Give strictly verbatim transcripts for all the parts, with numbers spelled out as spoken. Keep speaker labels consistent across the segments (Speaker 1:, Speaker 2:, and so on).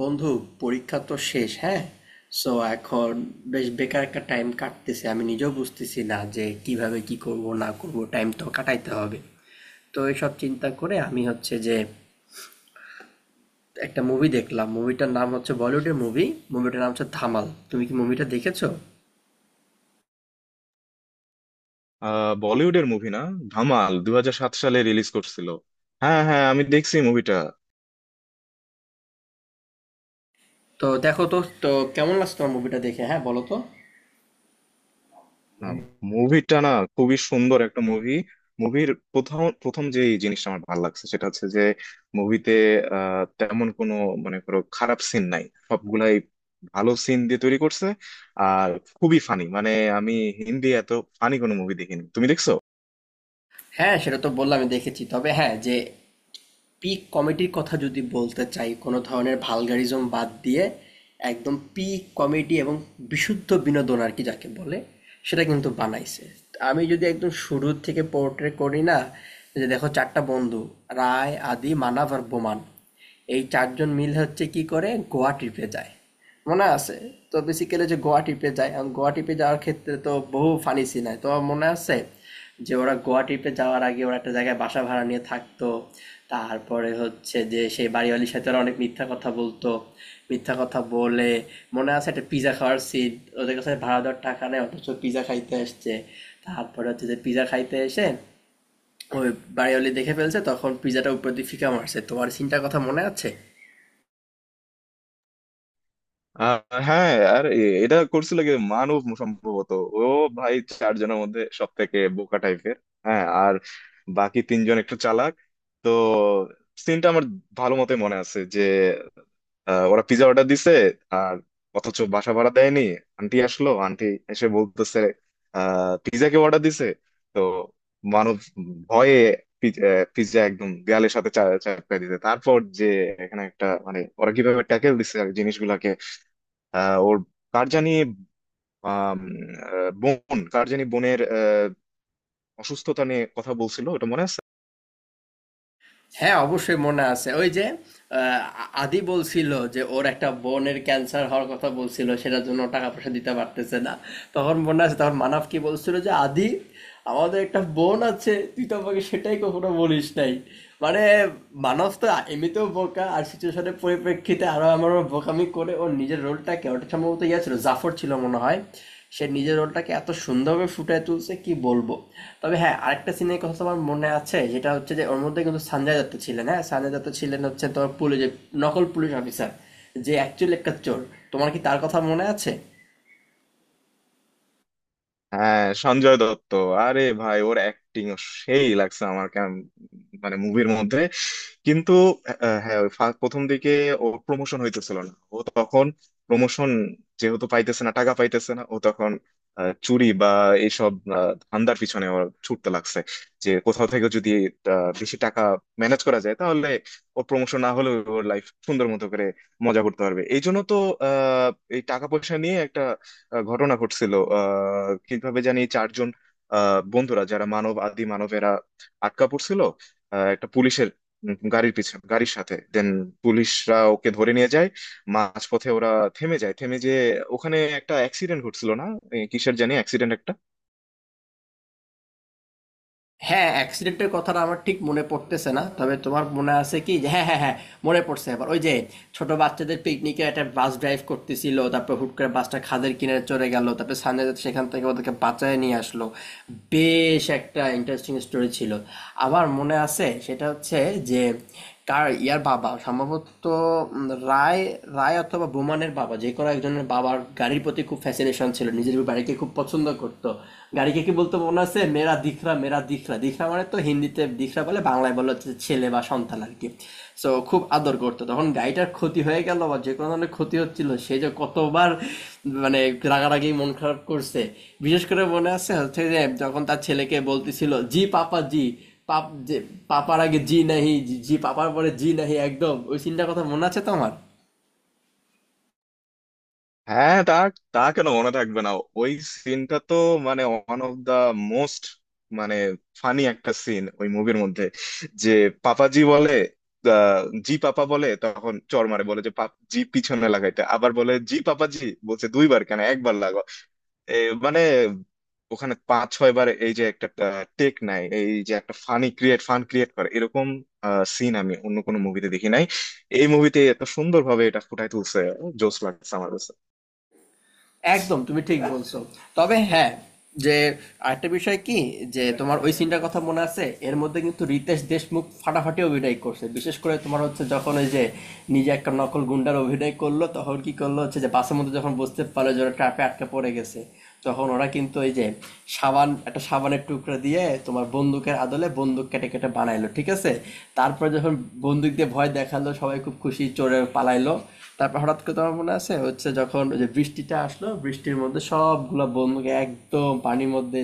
Speaker 1: বন্ধু, পরীক্ষা তো শেষ। হ্যাঁ, সো এখন বেশ বেকার একটা টাইম কাটতেছে। আমি নিজেও বুঝতেছি না যে কিভাবে কি করব না করব, টাইম তো কাটাইতে হবে। তো এইসব চিন্তা করে আমি হচ্ছে যে একটা মুভি দেখলাম। মুভিটার নাম হচ্ছে বলিউডের মুভি, মুভিটার নাম হচ্ছে ধামাল। তুমি কি মুভিটা দেখেছো?
Speaker 2: আহ বলিউডের মুভি না। ধামাল দুই হাজার সাত সালে রিলিজ করছিল। হ্যাঁ হ্যাঁ, আমি দেখছি মুভিটা।
Speaker 1: তো দেখো তো, তো কেমন লাগছে তোমার মুভিটা দেখে? হ্যাঁ, বলো তো।
Speaker 2: না, মুভিটা না, খুবই সুন্দর একটা মুভি। মুভির প্রথম প্রথম যে জিনিসটা আমার ভালো লাগছে সেটা হচ্ছে যে মুভিতে আহ তেমন কোনো মানে কোনো খারাপ সিন নাই, সবগুলাই ভালো সিন দিয়ে তৈরি করছে। আর খুবই ফানি, মানে আমি হিন্দি এত ফানি কোনো মুভি দেখিনি, তুমি দেখছো?
Speaker 1: হ্যাঁ, সেটা তো বললাম, আমি দেখেছি। তবে হ্যাঁ, যে পিক কমেডির কথা যদি বলতে চাই, কোনো ধরনের ভালগারিজম বাদ দিয়ে একদম পিক কমেডি এবং বিশুদ্ধ বিনোদন আর কি যাকে বলে, সেটা কিন্তু বানাইছে। আমি যদি একদম শুরু থেকে পোর্ট্রে করি না, যে দেখো চারটা বন্ধু, রায়, আদি, মানাভ আর বোমান, এই চারজন মিল হচ্ছে কি করে গোয়া ট্রিপে যায়, মনে আছে? তো বেসিক্যালি যে গোয়া ট্রিপে যায়, এখন গোয়া ট্রিপে যাওয়ার ক্ষেত্রে তো বহু ফানি সিন হয়। তোমার মনে আছে? যে ওরা গোয়া ট্রিপে যাওয়ার আগে ওরা একটা জায়গায় বাসা ভাড়া নিয়ে থাকতো। তারপরে হচ্ছে যে সেই বাড়িওয়ালীর সাথে ওরা অনেক মিথ্যা কথা বলতো। মিথ্যা কথা বলে মনে আছে একটা পিজ্জা খাওয়ার সিন? ওদের কাছে ভাড়া দেওয়ার টাকা নেই অথচ পিজ্জা খাইতে আসছে। তারপরে হচ্ছে যে পিজ্জা খাইতে এসে ওই বাড়িওয়ালী দেখে ফেলছে, তখন পিজ্জাটা উপর দিয়ে ফিকা মারছে। তোমার সিনটার কথা মনে আছে?
Speaker 2: আহ, হ্যাঁ। আর এ- এটা করছিল কি মানব সম্ভবত, ও ভাই চারজনের মধ্যে সব থেকে বোকা টাইপের। হ্যাঁ, আর বাকি তিনজন একটু চালাক। তো সিনটা আমার ভালো মতো মনে আছে যে আহ, ওরা পিজা অর্ডার দিছে, আর অথচ বাসা ভাড়া দেয়নি। আন্টি আসলো, আন্টি এসে বলতেছে আহ পিজা কে অর্ডার দিছে? তো মানব ভয়ে পিজা একদম দেয়ালের সাথে চা- চাপকায় দিতে, তারপর যে এখানে একটা মানে ওরা কিভাবে ট্যাকেল দিছে আর জিনিসগুলাকে। আহ, ওর কার জানি আম, আহ, বোন, কার জানি বোনের আহ, অসুস্থতা নিয়ে কথা বলছিল, ওটা মনে আছে।
Speaker 1: হ্যাঁ, অবশ্যই মনে আছে। ওই যে আহ, আদি বলছিল যে ওর একটা বোনের ক্যান্সার হওয়ার কথা বলছিল, সেটার জন্য ও টাকা পয়সা দিতে পারতেছে না। তখন মনে আছে, তখন মানব কি বলছিল যে আদি, আমাদের একটা বোন আছে, তুই তো আমাকে সেটাই কখনো বলিস নাই। মানে মানব তো এমনিতেও বোকা, আর সিচুয়েশনের পরিপ্রেক্ষিতে আরো আমার বোকামি করে ওর নিজের রোলটাকে, ওটা সম্ভবত ইয়ে ছিল, জাফর ছিল মনে হয়, সে নিজের রোলটাকে এত সুন্দরভাবে ফুটিয়ে তুলছে কি বলবো। তবে হ্যাঁ, আরেকটা সিনের কথা আমার মনে আছে, যেটা হচ্ছে যে ওর মধ্যে কিন্তু সঞ্জয় দত্ত ছিলেন, হ্যাঁ সঞ্জয় দত্ত ছিলেন হচ্ছে তোমার পুলিশ, যে নকল পুলিশ অফিসার যে অ্যাকচুয়ালি একটা চোর। তোমার কি তার কথা মনে আছে?
Speaker 2: হ্যাঁ, সঞ্জয় দত্ত। আরে ভাই, ওর অ্যাক্টিং সেই লাগছে আমার, কেমন, মানে মুভির মধ্যে কিন্তু আহ, হ্যাঁ, ওই ফা- প্রথম দিকে ওর প্রমোশন হইতেছিল না, ও তখন প্রমোশন যেহেতু পাইতেছে না, টাকা পাইতেছে না, ও তখন আহ, চুরি বা এইসব আহ, ধান্দার পিছনে ওর ছুটতে লাগছে। যে কোথাও থেকে যদি আহ, বেশি টাকা ম্যানেজ করা যায়, তাহলে ওর প্রমোশন না হলেও ওর লাইফ সুন্দর মতো করে মজা করতে পারবে, এই জন্য তো আহ এই টাকা পয়সা নিয়ে একটা আহ, ঘটনা ঘটছিল। আহ কিভাবে জানি চারজন আহ বন্ধুরা, যারা মানব আদি মানবেরা আটকা পড়ছিল আহ, একটা পুলিশের উম, গাড়ির পিছনে, গাড়ির সাথে দেন পুলিশরা ওকে ধরে নিয়ে যায়। মাঝপথে ওরা থেমে যায়, থেমে যে ওখানে একটা অ্যাক্সিডেন্ট ঘটছিল না, এ, কিসের জানি অ্যাক্সিডেন্ট একটা।
Speaker 1: হ্যাঁ, অ্যাক্সিডেন্টের কথাটা আমার ঠিক মনে পড়তেছে না। তবে তোমার মনে আছে কি যে হ্যাঁ, হ্যাঁ, হ্যাঁ, মনে পড়ছে এবার। ওই যে ছোট বাচ্চাদের পিকনিকে একটা বাস ড্রাইভ করতেছিল, তারপর হুট করে বাসটা খাদের কিনারে চলে গেল, তারপর সানরাইজার সেখান থেকে ওদেরকে বাঁচায় নিয়ে আসলো। বেশ একটা ইন্টারেস্টিং স্টোরি ছিল। আবার মনে আছে সেটা হচ্ছে যে কার ইয়ার বাবা সম্ভবত, উম, রায়, রায় অথবা বোমানের বাবা, যে কোনো একজনের বাবার গাড়ির প্রতি খুব ফ্যাসিনেশন ছিল, নিজের বাড়িকে খুব পছন্দ করতো। গাড়িকে কি বলতো মনে আছে? মেরা দিখরা, মেরা দিখরা। দিখরা মানে তো হিন্দিতে দিখরা বলে, বাংলায় বলে হচ্ছে ছেলে বা সন্তান আর কি। সো খুব আদর করতো, তখন গাড়িটার ক্ষতি হয়ে গেল বা যে কোনো ধরনের ক্ষতি হচ্ছিল, সে যে কতবার মানে রাগারাগি মন খারাপ করছে। বিশেষ করে মনে আছে হচ্ছে যে যখন তার ছেলেকে বলতেছিল জি পাপা জি, পাপ, যে পাপার আগে জি নাহি, জি পাপার পরে জি নাহি, একদম ওই সিনটার কথা মনে আছে তোমার?
Speaker 2: হ্যাঁ, তা তা কেন মনে থাকবে না? ওই সিনটা তো মানে ওয়ান অফ দা মোস্ট, মানে ফানি একটা সিন ওই মুভির মধ্যে। যে পাপাজি বলে আহ, জি পাপা বলে, তখন চর মারে বলে যে পাপ জি পিছনে লাগাইতে, আবার বলে জি পাপাজি, বলছে দুইবার কেন, একবার লাগো। এ, মানে ওখানে পাঁচ ছয় বার এই যে একটা টেক নাই, এই যে একটা ফানি ক্রিয়েট, ফান ক্রিয়েট করে, এরকম সিন আমি অন্য কোনো মুভিতে দেখি নাই। এই মুভিতে এত সুন্দরভাবে এটা ফুটাই তুলছে, জোস লাগছে আমার কাছে।
Speaker 1: একদম তুমি ঠিক বলছো। তবে হ্যাঁ, যে আরেকটা বিষয় কি, যে তোমার ওই সিনটার কথা মনে আছে, এর মধ্যে কিন্তু রিতেশ দেশমুখ ফাটাফাটি অভিনয় করছে। বিশেষ করে তোমার হচ্ছে যখন ওই যে নিজে একটা নকল গুন্ডার অভিনয় করলো, তখন কি করলো হচ্ছে যে বাসের মধ্যে যখন বুঝতে পারলো যে ওরা ট্র্যাপে আটকে পড়ে গেছে, তখন ওরা কিন্তু ওই যে সাবান, একটা সাবানের টুকরা দিয়ে তোমার বন্দুকের আদলে বন্দুক কেটে কেটে বানাইলো, ঠিক আছে। তারপর যখন বন্দুক দিয়ে ভয় দেখালো, সবাই খুব খুশি, চোরে পালাইলো। তারপর হঠাৎ করে তোমার মনে আছে হচ্ছে যখন ওই যে বৃষ্টিটা আসলো, বৃষ্টির মধ্যে সবগুলা বন্ধুকে একদম পানির মধ্যে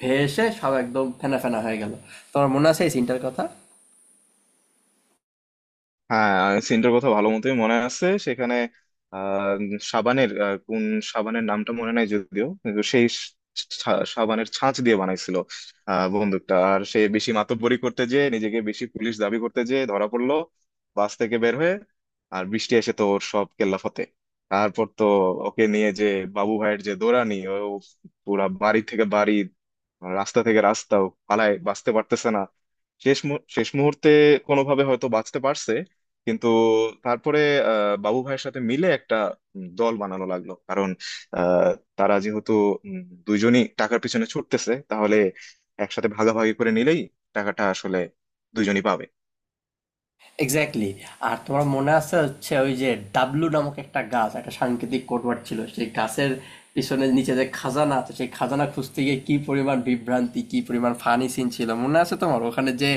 Speaker 1: ভেসে সব একদম ফেনা ফেনা হয়ে গেল। তোমার মনে আছে এই সিনটার কথা?
Speaker 2: হ্যাঁ, সিনটার কথা ভালো মতোই মনে আছে। সেখানে আহ সাবানের আহ, কোন সাবানের নামটা মনে নাই যদিও, কিন্তু সেই সা- সাবানের ছাঁচ দিয়ে বানাইছিল আহ বন্দুকটা। আর সে বেশি মাতব্বরি করতে যেয়ে, নিজেকে বেশি পুলিশ দাবি করতে যেয়ে ধরা পড়লো বাস থেকে বের হয়ে, আর বৃষ্টি এসে তো ওর সব কেল্লা ফতে। তারপর তো ওকে নিয়ে যে বাবু ভাইয়ের যে দৌড়ানি, ও পুরা বাড়ি থেকে বাড়ি, রাস্তা থেকে রাস্তা ও পালায় বাঁচতে পারতেছে না। শেষ মু- শেষ মুহূর্তে কোনোভাবে হয়তো বাঁচতে পারছে, কিন্তু তারপরে আহ, বাবু ভাইয়ের সাথে মিলে একটা উম, দল বানানো লাগলো, কারণ আহ, তারা যেহেতু উম, দুইজনই টাকার পিছনে ছুটতেছে, তাহলে একসাথে ভাগাভাগি করে নিলেই টাকাটা আসলে দুইজনই পাবে।
Speaker 1: এক্স্যাক্টলি। আর তোমার মনে আছে হচ্ছে ওই যে ডাবলু নামক একটা গাছ, একটা সাংকেতিক কোডওয়ার্ড ছিল, সেই গাছের পিছনে নিচে যে খাজানা আছে, সেই খাজানা খুঁজতে গিয়ে কি পরিমাণ বিভ্রান্তি, কি পরিমাণ ফানি সিন ছিল মনে আছে তোমার? ওখানে যে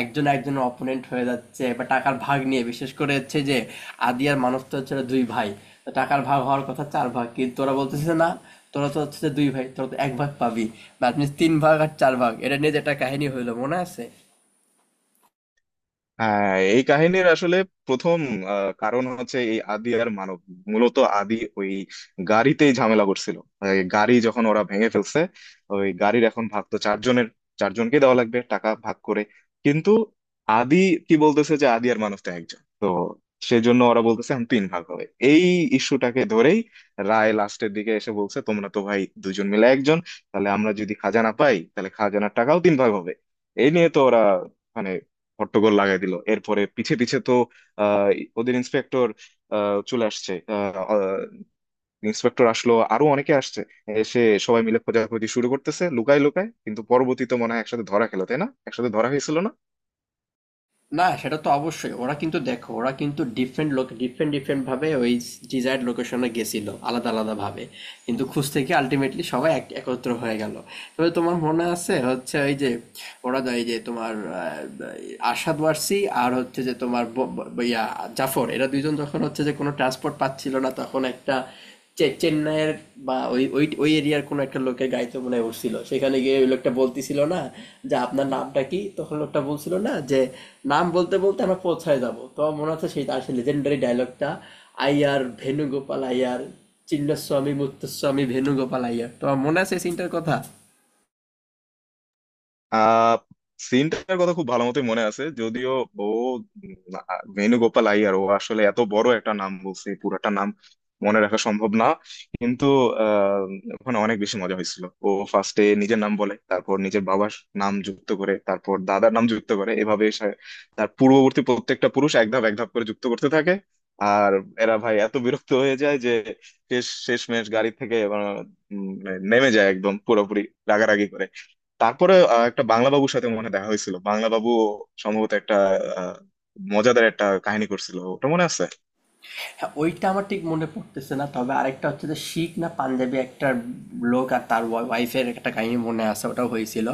Speaker 1: একজন একজন অপোনেন্ট হয়ে যাচ্ছে বা টাকার ভাগ নিয়ে, বিশেষ করে হচ্ছে যে আদি আর মানব তো হচ্ছে ওরা দুই ভাই, তো টাকার ভাগ হওয়ার কথা চার ভাগ, কিন্তু ওরা বলতেছে যে না, তোরা তো হচ্ছে যে দুই ভাই, তোরা তো এক ভাগ পাবি, বা আপনি তিন ভাগ আর চার ভাগ, এটা নিয়ে যে একটা কাহিনী হইলো মনে আছে।
Speaker 2: হ্যাঁ, এই কাহিনীর আসলে প্রথম আহ, কারণ হচ্ছে এই আদি আর মানব, মূলত আদি ওই গাড়িতেই ঝামেলা করছিল। এই গাড়ি যখন ওরা ভেঙে ফেলছে, ওই গাড়ির এখন ভাগ তো চারজনের, চারজনকে দেওয়া লাগবে টাকা ভাগ করে। কিন্তু আদি কি বলতেছে, যে আদি আর মানব তো একজন, তো সেজন্য ওরা বলতেছে এখন তিন ভাগ হবে। এই ইস্যুটাকে ধরেই রায় লাস্টের দিকে এসে বলছে তোমরা তো ভাই দুজন মিলে একজন, তাহলে আমরা যদি খাজানা পাই, তাহলে খাজানার টাকাও তিন ভাগ হবে। এই নিয়ে তো ওরা মানে হট্টগোল লাগাই দিল। এরপরে পিছে পিছে তো আহ, ওদের ইন্সপেক্টর চলে আসছে। ইন্সপেক্টর আসলো, আরো অনেকে আসছে, এসে সবাই মিলে খোঁজাখুঁজি শুরু করতেছে লুকায় লুকায়। কিন্তু পরবর্তীতে মনে হয় একসাথে ধরা খেলো, তাই না, একসাথে ধরা হয়েছিল না?
Speaker 1: না, সেটা তো অবশ্যই, ওরা কিন্তু দেখো ওরা কিন্তু ডিফারেন্ট লোক, ডিফারেন্ট ডিফারেন্ট ভাবে ওই ডিজায়ার্ড লোকেশনে গেছিল, আলাদা আলাদা ভাবে, কিন্তু খুঁজতে গিয়ে আলটিমেটলি সবাই এক- একত্র হয়ে গেল। তবে তোমার মনে আছে হচ্ছে ওই যে ওরা যায় যে তোমার আহ, আসাদ ওয়ারসি আর হচ্ছে যে তোমার ব- ব- ইয়া জাফর, এরা দুইজন যখন হচ্ছে যে কোনো ট্রান্সপোর্ট পাচ্ছিল না, তখন একটা চে- চেন্নাইয়ের বা ওই ওই ওই এরিয়ার কোনো একটা লোকের গাড়িতে মনে হয় উঠছিল। সেখানে গিয়ে ওই লোকটা বলতেছিল না যে আপনার নামটা কি, তখন লোকটা বলছিল না যে নাম বলতে বলতে আমরা পৌঁছায় যাব। তো আমার মনে আছে সেই তার সেই লেজেন্ডারি ডায়লগটা, আইয়ার ভেনুগোপাল আইয়ার, চিন্নস্বামী মুত্তস্বামী ভেনুগোপাল আইয়ার, তো আমার মনে আছে এই সিনটার কথা।
Speaker 2: আহ সিনটার কথা খুব ভালো মতোই মনে আছে যদিও। ও উম, আ- ভেনুগোপাল আইয়ার, ও আসলে এত বড় একটা নাম বলছে, পুরাটা নাম মনে রাখা সম্ভব না। কিন্তু আহ, ওখানে অনেক বেশি মজা হয়েছিল, ও ফার্স্টে নিজের নাম বলে, তারপর নিজের বাবার নাম যুক্ত করে, তারপর দাদার নাম যুক্ত করে, এভাবে সে- তার পূর্ববর্তী প্রত্যেকটা পুরুষ এক ধাপ এক ধাপ করে যুক্ত করতে থাকে। আর এরা ভাই এত বিরক্ত হয়ে যায় যে শেষ শেষমেশ গাড়ি থেকে আহ, উম, নেমে যায় একদম পুরোপুরি রাগারাগি করে। তারপরে আহ, একটা বাংলা বাবুর সাথে মনে হয় দেখা হয়েছিল, বাংলা বাবু সম্ভবত একটা আহ, মজাদার একটা কাহিনী করছিল, ওটা মনে আছে।
Speaker 1: হ্যাঁ ওইটা আমার ঠিক মনে পড়তেছে না। তবে আরেকটা হচ্ছে যে শিখ না পাঞ্জাবি একটা লোক আর তার ওয়াইফের একটা কাহিনী মনে আছে, ওটাও হয়েছিল।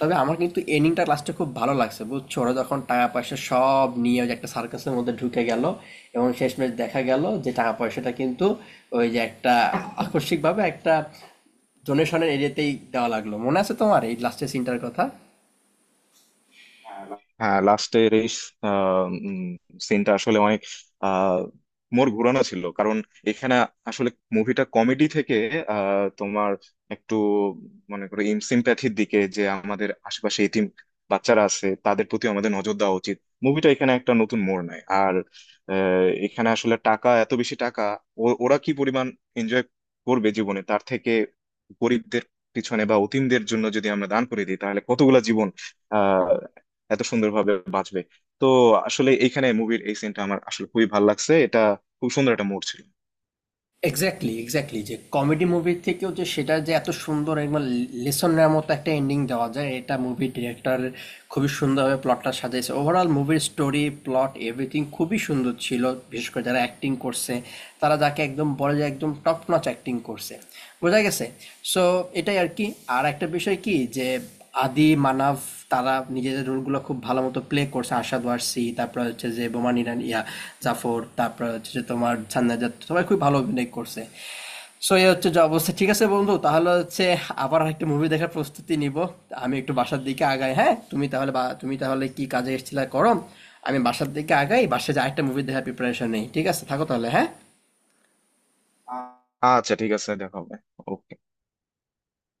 Speaker 1: তবে আমার কিন্তু এন্ডিংটা লাস্টে খুব ভালো লাগছে, বুঝছো? ওরা যখন টাকা পয়সা সব নিয়ে ওই যে একটা সার্কাসের মধ্যে ঢুকে গেল, এবং শেষমেশ দেখা গেল যে টাকা পয়সাটা কিন্তু ওই যে একটা আকস্মিকভাবে একটা ডোনেশনের এরিয়াতেই দেওয়া লাগলো, মনে আছে তোমার এই লাস্টের সিনটার কথা?
Speaker 2: হ্যাঁ, লাস্টের এই সিনটা আসলে অনেক আহ মোর ঘুরানো ছিল, কারণ এখানে আসলে মুভিটা কমেডি থেকে আহ, তোমার একটু মনে করো সিম্প্যাথির দিকে, যে আমাদের আশেপাশে এতিম বাচ্চারা আছে, তাদের প্রতি আমাদের নজর দেওয়া উচিত। মুভিটা এখানে একটা নতুন মোড় নেয়। আর আহ, এখানে আসলে টাকা, এত বেশি টাকা ও- ওরা কি পরিমাণ এনজয় করবে জীবনে, তার থেকে গরিবদের পিছনে বা অতিমদের জন্য যদি আমরা দান করে দিই, তাহলে কতগুলা জীবন এত সুন্দরভাবে বাঁচবে। তো আসলে এইখানে মুভির এই সিনটা আমার আসলে খুবই ভালো লাগছে, এটা খুব সুন্দর একটা মোড় ছিল।
Speaker 1: এক্স্যাক্টলি, এক্স্যাক্টলি, যে কমেডি মুভির থেকেও যে সেটা যে এত সুন্দর একবার লেসন নেওয়ার মতো একটা এন্ডিং দেওয়া যায়, এটা মুভির ডিরেক্টর খুবই সুন্দরভাবে প্লটটা সাজিয়েছে। ওভারঅল মুভির স্টোরি, প্লট, এভরিথিং খুবই সুন্দর ছিল। বিশেষ করে যারা অ্যাক্টিং করছে, তারা যাকে একদম বলে যে একদম টপ নচ অ্যাক্টিং করছে, বোঝা গেছে? সো এটাই আর কি। আর একটা বিষয় কি যে আদি, মানাফ, তারা নিজেদের রোলগুলো খুব ভালো মতো প্লে করছে, আশাদ ওয়ারসি, তারপর হচ্ছে যে বোমান ইরান, ইয়া জাফর, তারপর হচ্ছে যে তোমার ছান্নাজাত, সবাই খুব ভালো অভিনয় করছে। সো এই হচ্ছে যে অবস্থা। ঠিক আছে বন্ধু, তাহলে হচ্ছে আবার একটা মুভি দেখার প্রস্তুতি নিব। আমি একটু বাসার দিকে আগাই, হ্যাঁ। তুমি তাহলে বা তুমি তাহলে কি কাজে এসেছিলে করো, আমি বাসার দিকে আগাই, বাসায় যে আরেকটা মুভি দেখার প্রিপারেশন নেই। ঠিক আছে, থাকো তাহলে, হ্যাঁ।
Speaker 2: আচ্ছা, ঠিক আছে, দেখা হবে। ওকে।